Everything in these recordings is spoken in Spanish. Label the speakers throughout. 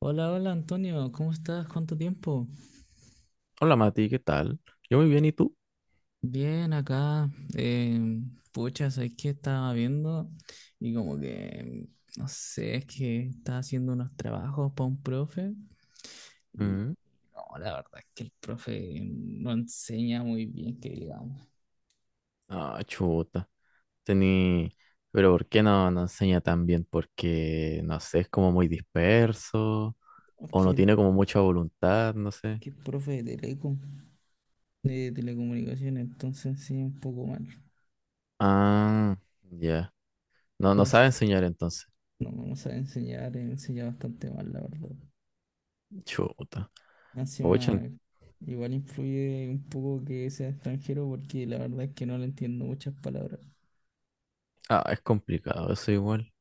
Speaker 1: Hola, hola Antonio, ¿cómo estás? ¿Cuánto tiempo?
Speaker 2: Hola Mati, ¿qué tal? Yo muy bien, ¿y tú?
Speaker 1: Bien, acá. Eh, Pucha, ¿sabes qué estaba viendo? Y como que, no sé, es que estaba haciendo unos trabajos para un profe y
Speaker 2: Mm.
Speaker 1: no, la verdad es que el profe no enseña muy bien, que digamos.
Speaker 2: Ah, chuta. Tení... Pero ¿por qué no enseña tan bien? Porque, no sé, es como muy disperso
Speaker 1: Es
Speaker 2: o no
Speaker 1: que el,
Speaker 2: tiene como mucha voluntad, no
Speaker 1: es
Speaker 2: sé.
Speaker 1: que el profe de telecom de telecomunicaciones, entonces sí, un poco mal.
Speaker 2: Ah, ya. No, no sabe
Speaker 1: Entonces,
Speaker 2: enseñar entonces.
Speaker 1: no sabe enseñar, enseña bastante mal, la verdad.
Speaker 2: Chuta.
Speaker 1: Más
Speaker 2: Pucha, en-
Speaker 1: encima, igual influye un poco que sea extranjero porque la verdad es que no le entiendo muchas palabras.
Speaker 2: ah, es complicado eso igual.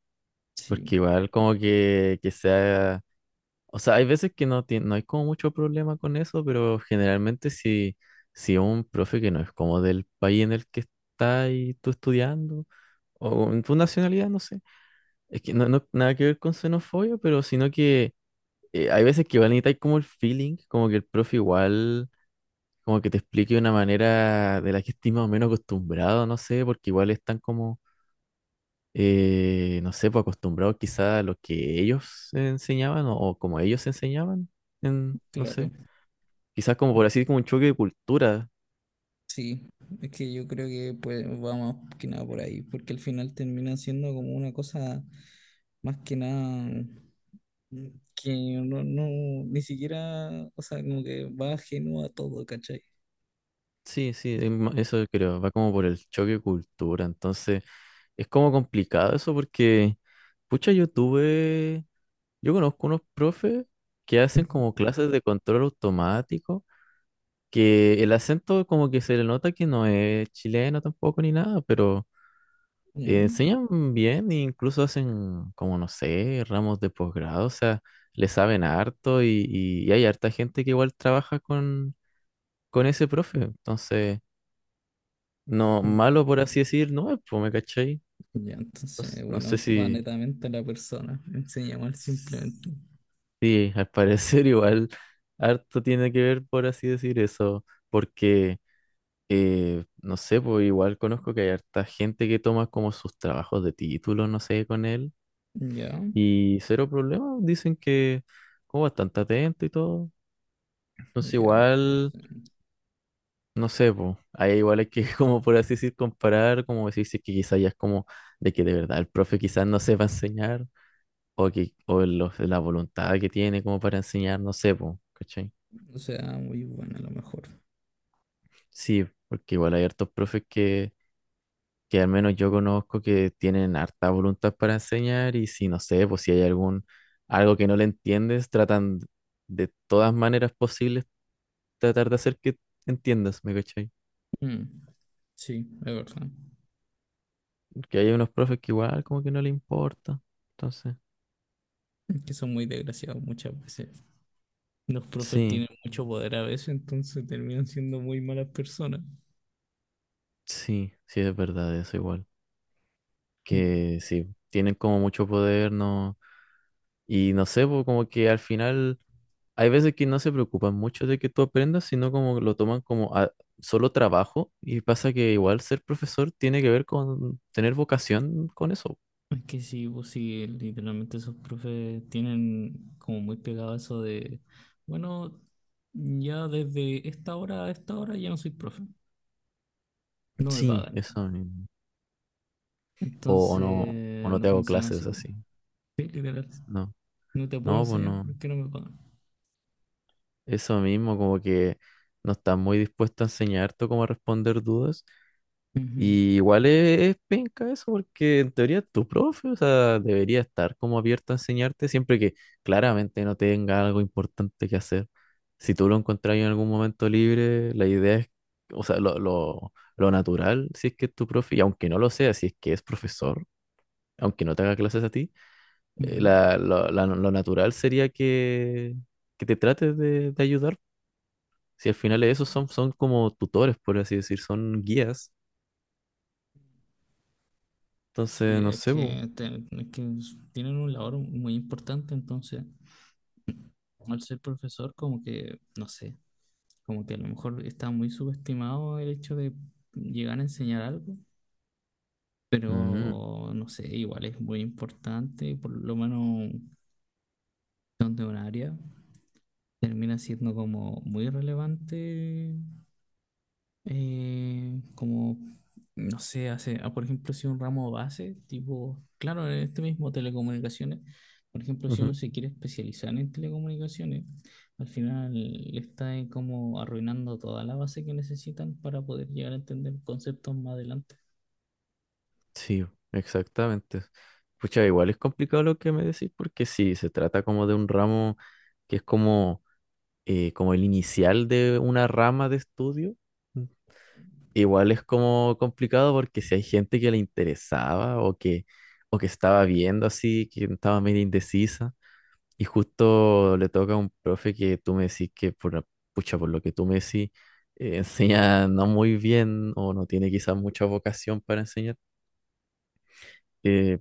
Speaker 1: Sí,
Speaker 2: Porque igual como que sea, o sea, hay veces que no, tien- no hay como mucho problema con eso, pero generalmente si, si un profe que no es como del país en el que está y tú estudiando, o en tu nacionalidad, no sé, es que no, no nada que ver con xenofobia, pero sino que hay veces que igual necesitas como el feeling, como que el profe igual, como que te explique de una manera de la que estés más o menos acostumbrado, no sé, porque igual están como, no sé, pues acostumbrados quizás a lo que ellos enseñaban o como ellos enseñaban, en, no
Speaker 1: claro,
Speaker 2: sé. Quizás como por así, como un choque de cultura.
Speaker 1: sí. Es que yo creo que pues va más que nada por ahí, porque al final termina siendo como una cosa más que nada, mm, que no, ni siquiera, o sea, como que va ajeno a todo, ¿cachai?
Speaker 2: Sí, sí, es ma- eso creo, va como por el choque de cultura. Entonces, es como complicado eso porque, pucha, yo tuve, yo conozco unos profes que hacen como clases de control automático, que el acento como que se le nota que no es chileno tampoco ni nada, pero
Speaker 1: Ya.
Speaker 2: enseñan bien e incluso hacen como, no sé, ramos de posgrado, o sea, le saben harto y hay harta gente que igual trabaja con ese profe. Entonces, no,
Speaker 1: Mm.
Speaker 2: malo por así decir, no es, pues, ¿me cachai?
Speaker 1: Ya,
Speaker 2: No, s-
Speaker 1: entonces,
Speaker 2: no sé
Speaker 1: bueno, va
Speaker 2: si,
Speaker 1: netamente a la persona. Enseña mal simplemente.
Speaker 2: sí, al parecer igual harto tiene que ver por así decir eso, porque, no sé, pues igual conozco que hay harta gente que toma como sus trabajos de título, no sé, con él,
Speaker 1: Ya,
Speaker 2: y cero problema, dicen que como bastante atento y todo. Entonces,
Speaker 1: ya.
Speaker 2: igual... No sé, po. Ahí igual hay que, como por así decir, comparar, como decir, si es que quizás ya es como de que de verdad el profe quizás no sepa enseñar, o que, o los- la voluntad que tiene como para enseñar, no sé, po, ¿cachai?
Speaker 1: O sea, muy buena a lo mejor.
Speaker 2: Sí, porque igual hay hartos profes que al menos yo conozco que tienen harta voluntad para enseñar, y si no sé, pues si hay algún, algo que no le entiendes, tratan de todas maneras posibles tratar de hacer que entiendas, ¿me cachai?
Speaker 1: Mm, sí, es verdad.
Speaker 2: Porque hay unos profes que igual como que no le importa, entonces,
Speaker 1: Es que son muy desgraciados muchas veces. Los profes
Speaker 2: sí.
Speaker 1: tienen mucho poder a veces, entonces terminan siendo muy malas personas.
Speaker 2: Sí, sí, es verdad, eso igual.
Speaker 1: Mm.
Speaker 2: Que sí, tienen como mucho poder, ¿no? Y no sé, pues, como que al final hay veces que no se preocupan mucho de que tú aprendas, sino como lo toman como a- solo trabajo. Y pasa que igual ser profesor tiene que ver con tener vocación con eso.
Speaker 1: Es que sí, pues sí, literalmente esos profes tienen como muy pegado eso de, bueno, ya desde esta hora a esta hora ya no soy profe, no me
Speaker 2: Sí,
Speaker 1: pagan.
Speaker 2: eso mismo. O
Speaker 1: Entonces
Speaker 2: no
Speaker 1: no
Speaker 2: te hago
Speaker 1: funciona así,
Speaker 2: clases
Speaker 1: pues.
Speaker 2: así.
Speaker 1: Sí, literal.
Speaker 2: No,
Speaker 1: No te puedo
Speaker 2: no, pues
Speaker 1: enseñar
Speaker 2: no.
Speaker 1: porque no me pagan.
Speaker 2: Eso mismo, como que no estás muy dispuesto a enseñarte cómo responder dudas.
Speaker 1: Ujú,
Speaker 2: Y igual e-, es, penca eso, porque en teoría es tu profe, o sea, debería estar como abierto a enseñarte siempre que claramente no tenga algo importante que hacer. Si tú lo encontrás en algún momento libre, la idea es, o sea, lo natural, si es que es tu profe, y aunque no lo sea, si es que es profesor, aunque no te haga clases a ti,
Speaker 1: ujú.
Speaker 2: la- lo natural sería que te trates de ayudar. Si al final
Speaker 1: Sí.
Speaker 2: esos son, son como tutores, por así decir, son guías.
Speaker 1: Sí,
Speaker 2: Entonces, no sé, po.
Speaker 1: es que tienen un labor muy importante, entonces al ser profesor como que, no sé, como que a lo mejor está muy subestimado el hecho de llegar a enseñar algo,
Speaker 2: Mm,
Speaker 1: pero no sé, igual es muy importante, por lo menos donde un área termina siendo como muy relevante eh, como, no sé, por ejemplo, si un ramo base, tipo, claro, en este mismo telecomunicaciones, por ejemplo, si uno
Speaker 2: ujú.
Speaker 1: se quiere especializar en telecomunicaciones, al final le está como arruinando toda la base que necesitan para poder llegar a entender conceptos más adelante.
Speaker 2: Sí, exactamente. Pucha, igual es complicado lo que me decís porque sí, se trata como de un ramo que es como, como el inicial de una rama de estudio. Mm. Igual es como complicado porque si hay gente que le interesaba o que estaba viendo así, que estaba medio indecisa y justo le toca a un profe que tú me decís que por, la- pucha, por lo que tú me decís, eh, enseña no muy bien o no tiene quizás mucha vocación para enseñar. Eh,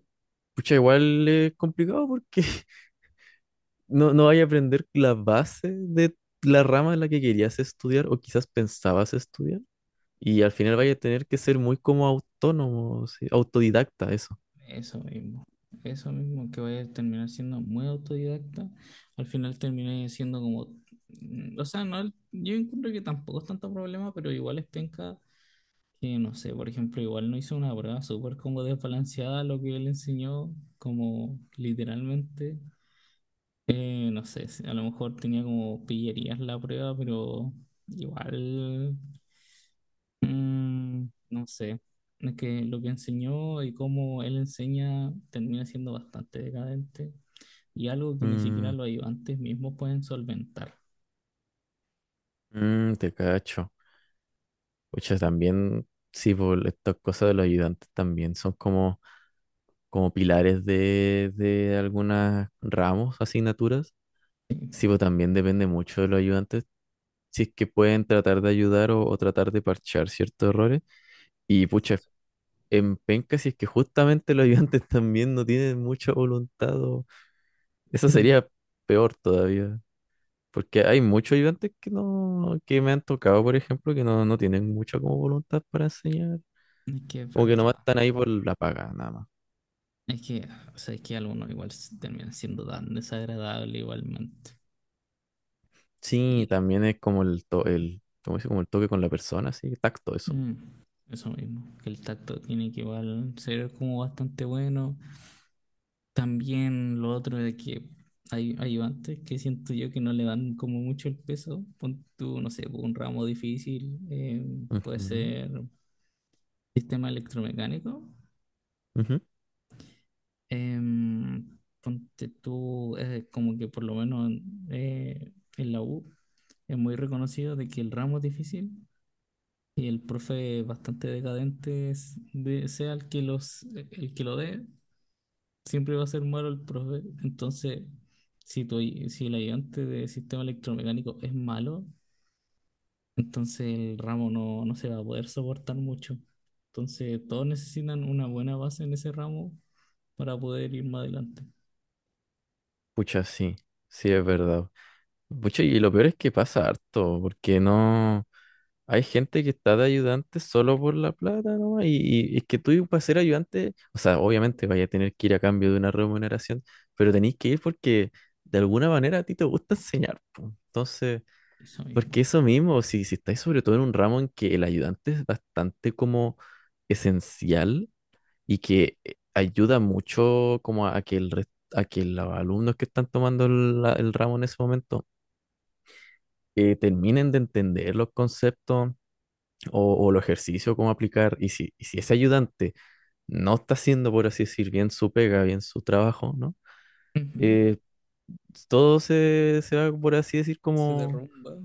Speaker 2: pucha, igual es complicado porque no, no vaya a aprender la base de la rama en la que querías estudiar o quizás pensabas estudiar. Y al
Speaker 1: Eso,
Speaker 2: final vaya a tener que ser muy como autónomo, sí, autodidacta, eso.
Speaker 1: eso mismo, eso mismo, que vaya a terminar siendo muy autodidacta, al final terminé siendo como, o sea, no, yo encuentro que tampoco es tanto problema, pero igual es penca que no sé, por ejemplo, igual no hizo una prueba súper como desbalanceada lo que él enseñó, como literalmente, no sé, si a lo mejor tenía como pillerías la prueba, pero igual, no sé, es que lo que enseñó y cómo él enseña termina siendo bastante decadente y algo que ni siquiera
Speaker 2: Mm,
Speaker 1: los ayudantes mismos pueden solventar.
Speaker 2: mm, te cacho. Pucha, también, sí, por estas cosas de los ayudantes también son como, como pilares de algunas ramos, asignaturas. Sí, pues también depende mucho de los ayudantes si es que pueden tratar de ayudar o tratar de parchar ciertos errores. Y pucha, en penca, si es que justamente los ayudantes también no tienen mucha voluntad, o- eso
Speaker 1: Mm.
Speaker 2: sería peor todavía. Porque hay muchos ayudantes que no, que me han tocado, por ejemplo, que no, no tienen mucha como voluntad para enseñar.
Speaker 1: Es que es
Speaker 2: Como que nomás
Speaker 1: verdad.
Speaker 2: están ahí por la paga, nada más.
Speaker 1: Es que, o sea, es que algunos igual terminan siendo tan desagradable igualmente. Y
Speaker 2: Sí, también es como el, to- el, ¿cómo se dice? Como el toque con la persona, sí, tacto, eso.
Speaker 1: mm, eso mismo, que el tacto tiene que igual ser como bastante bueno. También lo otro de que hay ayudantes que siento yo que no le dan como mucho el peso. Pon tú, no sé, pues, un ramo difícil, puede
Speaker 2: Ujú,
Speaker 1: ser sistema electromecánico.
Speaker 2: ujú.
Speaker 1: Ponte tú, como que por lo menos eh, en la U es muy reconocido de que el ramo es difícil. Y el profe bastante decadente sea el que los el que lo dé, siempre va a ser malo el profe. Entonces, si tu, si el ayudante de sistema electromecánico es malo, entonces el ramo no se va a poder soportar mucho. Entonces, todos necesitan una buena base en ese ramo para poder ir más adelante.
Speaker 2: Pucha, sí, sí es verdad. Pucha, y lo peor es que pasa harto, porque no hay gente que está de ayudante solo por la plata, ¿no? Y es que tú para ser ayudante, o sea, obviamente vaya a tener que ir a cambio de una remuneración, pero tenéis que ir porque de alguna manera a ti te gusta enseñar, po. Entonces,
Speaker 1: Eso
Speaker 2: porque
Speaker 1: mismo.
Speaker 2: eso mismo, si, si estáis sobre todo en un ramo en que el ayudante es bastante como esencial y que ayuda mucho como a que el res- a que los alumnos que están tomando la- el ramo en ese momento que terminen de entender los conceptos o los ejercicios, cómo aplicar. Y si ese ayudante no está haciendo, por así decir, bien su pega, bien su trabajo, ¿no?
Speaker 1: Ujú.
Speaker 2: Eh, todo se, se va, por así decir,
Speaker 1: Se
Speaker 2: como,
Speaker 1: derrumba.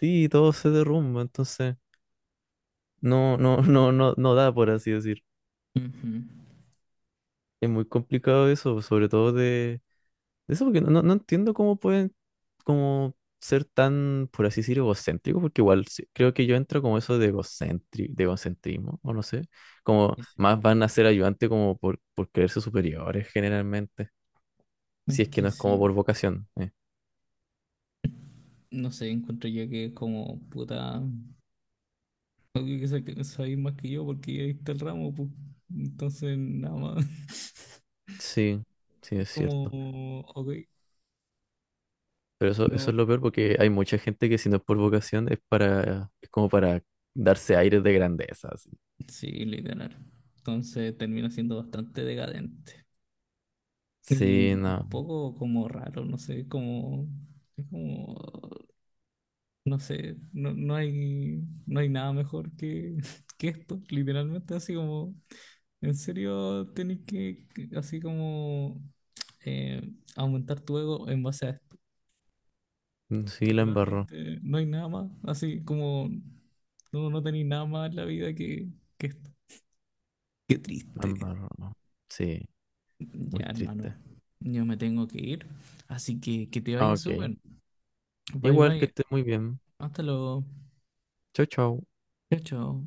Speaker 2: sí, todo se derrumba, entonces no da, por así decir.
Speaker 1: Ujú.
Speaker 2: Es muy complicado eso, sobre todo de eso porque no, no- no entiendo cómo pueden como ser tan, por así decir, egocéntricos, porque igual sí- creo que yo entro como eso de egocentri- de egocentrismo, o no sé, como
Speaker 1: Es
Speaker 2: más van a ser ayudantes como por creerse superiores generalmente,
Speaker 1: es
Speaker 2: si es que no
Speaker 1: que
Speaker 2: es como por
Speaker 1: sí.
Speaker 2: vocación.
Speaker 1: No sé, encuentro yo que como puta. Obvio que sabéis más que yo porque ya está el ramo, pues. Entonces, nada más.
Speaker 2: Sí, sí,
Speaker 1: Es
Speaker 2: es cierto.
Speaker 1: como, ok,
Speaker 2: Pero eso
Speaker 1: no.
Speaker 2: es lo peor porque hay mucha gente que si no es por vocación es para, es como para darse aires de grandeza, así.
Speaker 1: Sí, literal. Entonces termina siendo bastante decadente. Y
Speaker 2: Sí,
Speaker 1: un
Speaker 2: no,
Speaker 1: poco como raro, no sé, como, es como, no sé, no hay, no hay nada mejor que, que esto, literalmente, así como, en serio, así como, eh, aumentar tu ego en base a esto.
Speaker 2: mm, sí,
Speaker 1: Literalmente no hay nada más, así como no, no tenéis nada más en la vida que esto. Qué
Speaker 2: la
Speaker 1: triste.
Speaker 2: embarró, no. Sí, muy
Speaker 1: Ya, hermano,
Speaker 2: triste.
Speaker 1: yo me tengo que ir, así que te
Speaker 2: Ah,
Speaker 1: vayas
Speaker 2: ok.
Speaker 1: súper. Bye,
Speaker 2: Igual que
Speaker 1: bye.
Speaker 2: esté muy bien.
Speaker 1: Hasta luego.
Speaker 2: Chau, chau.
Speaker 1: Chao, chao.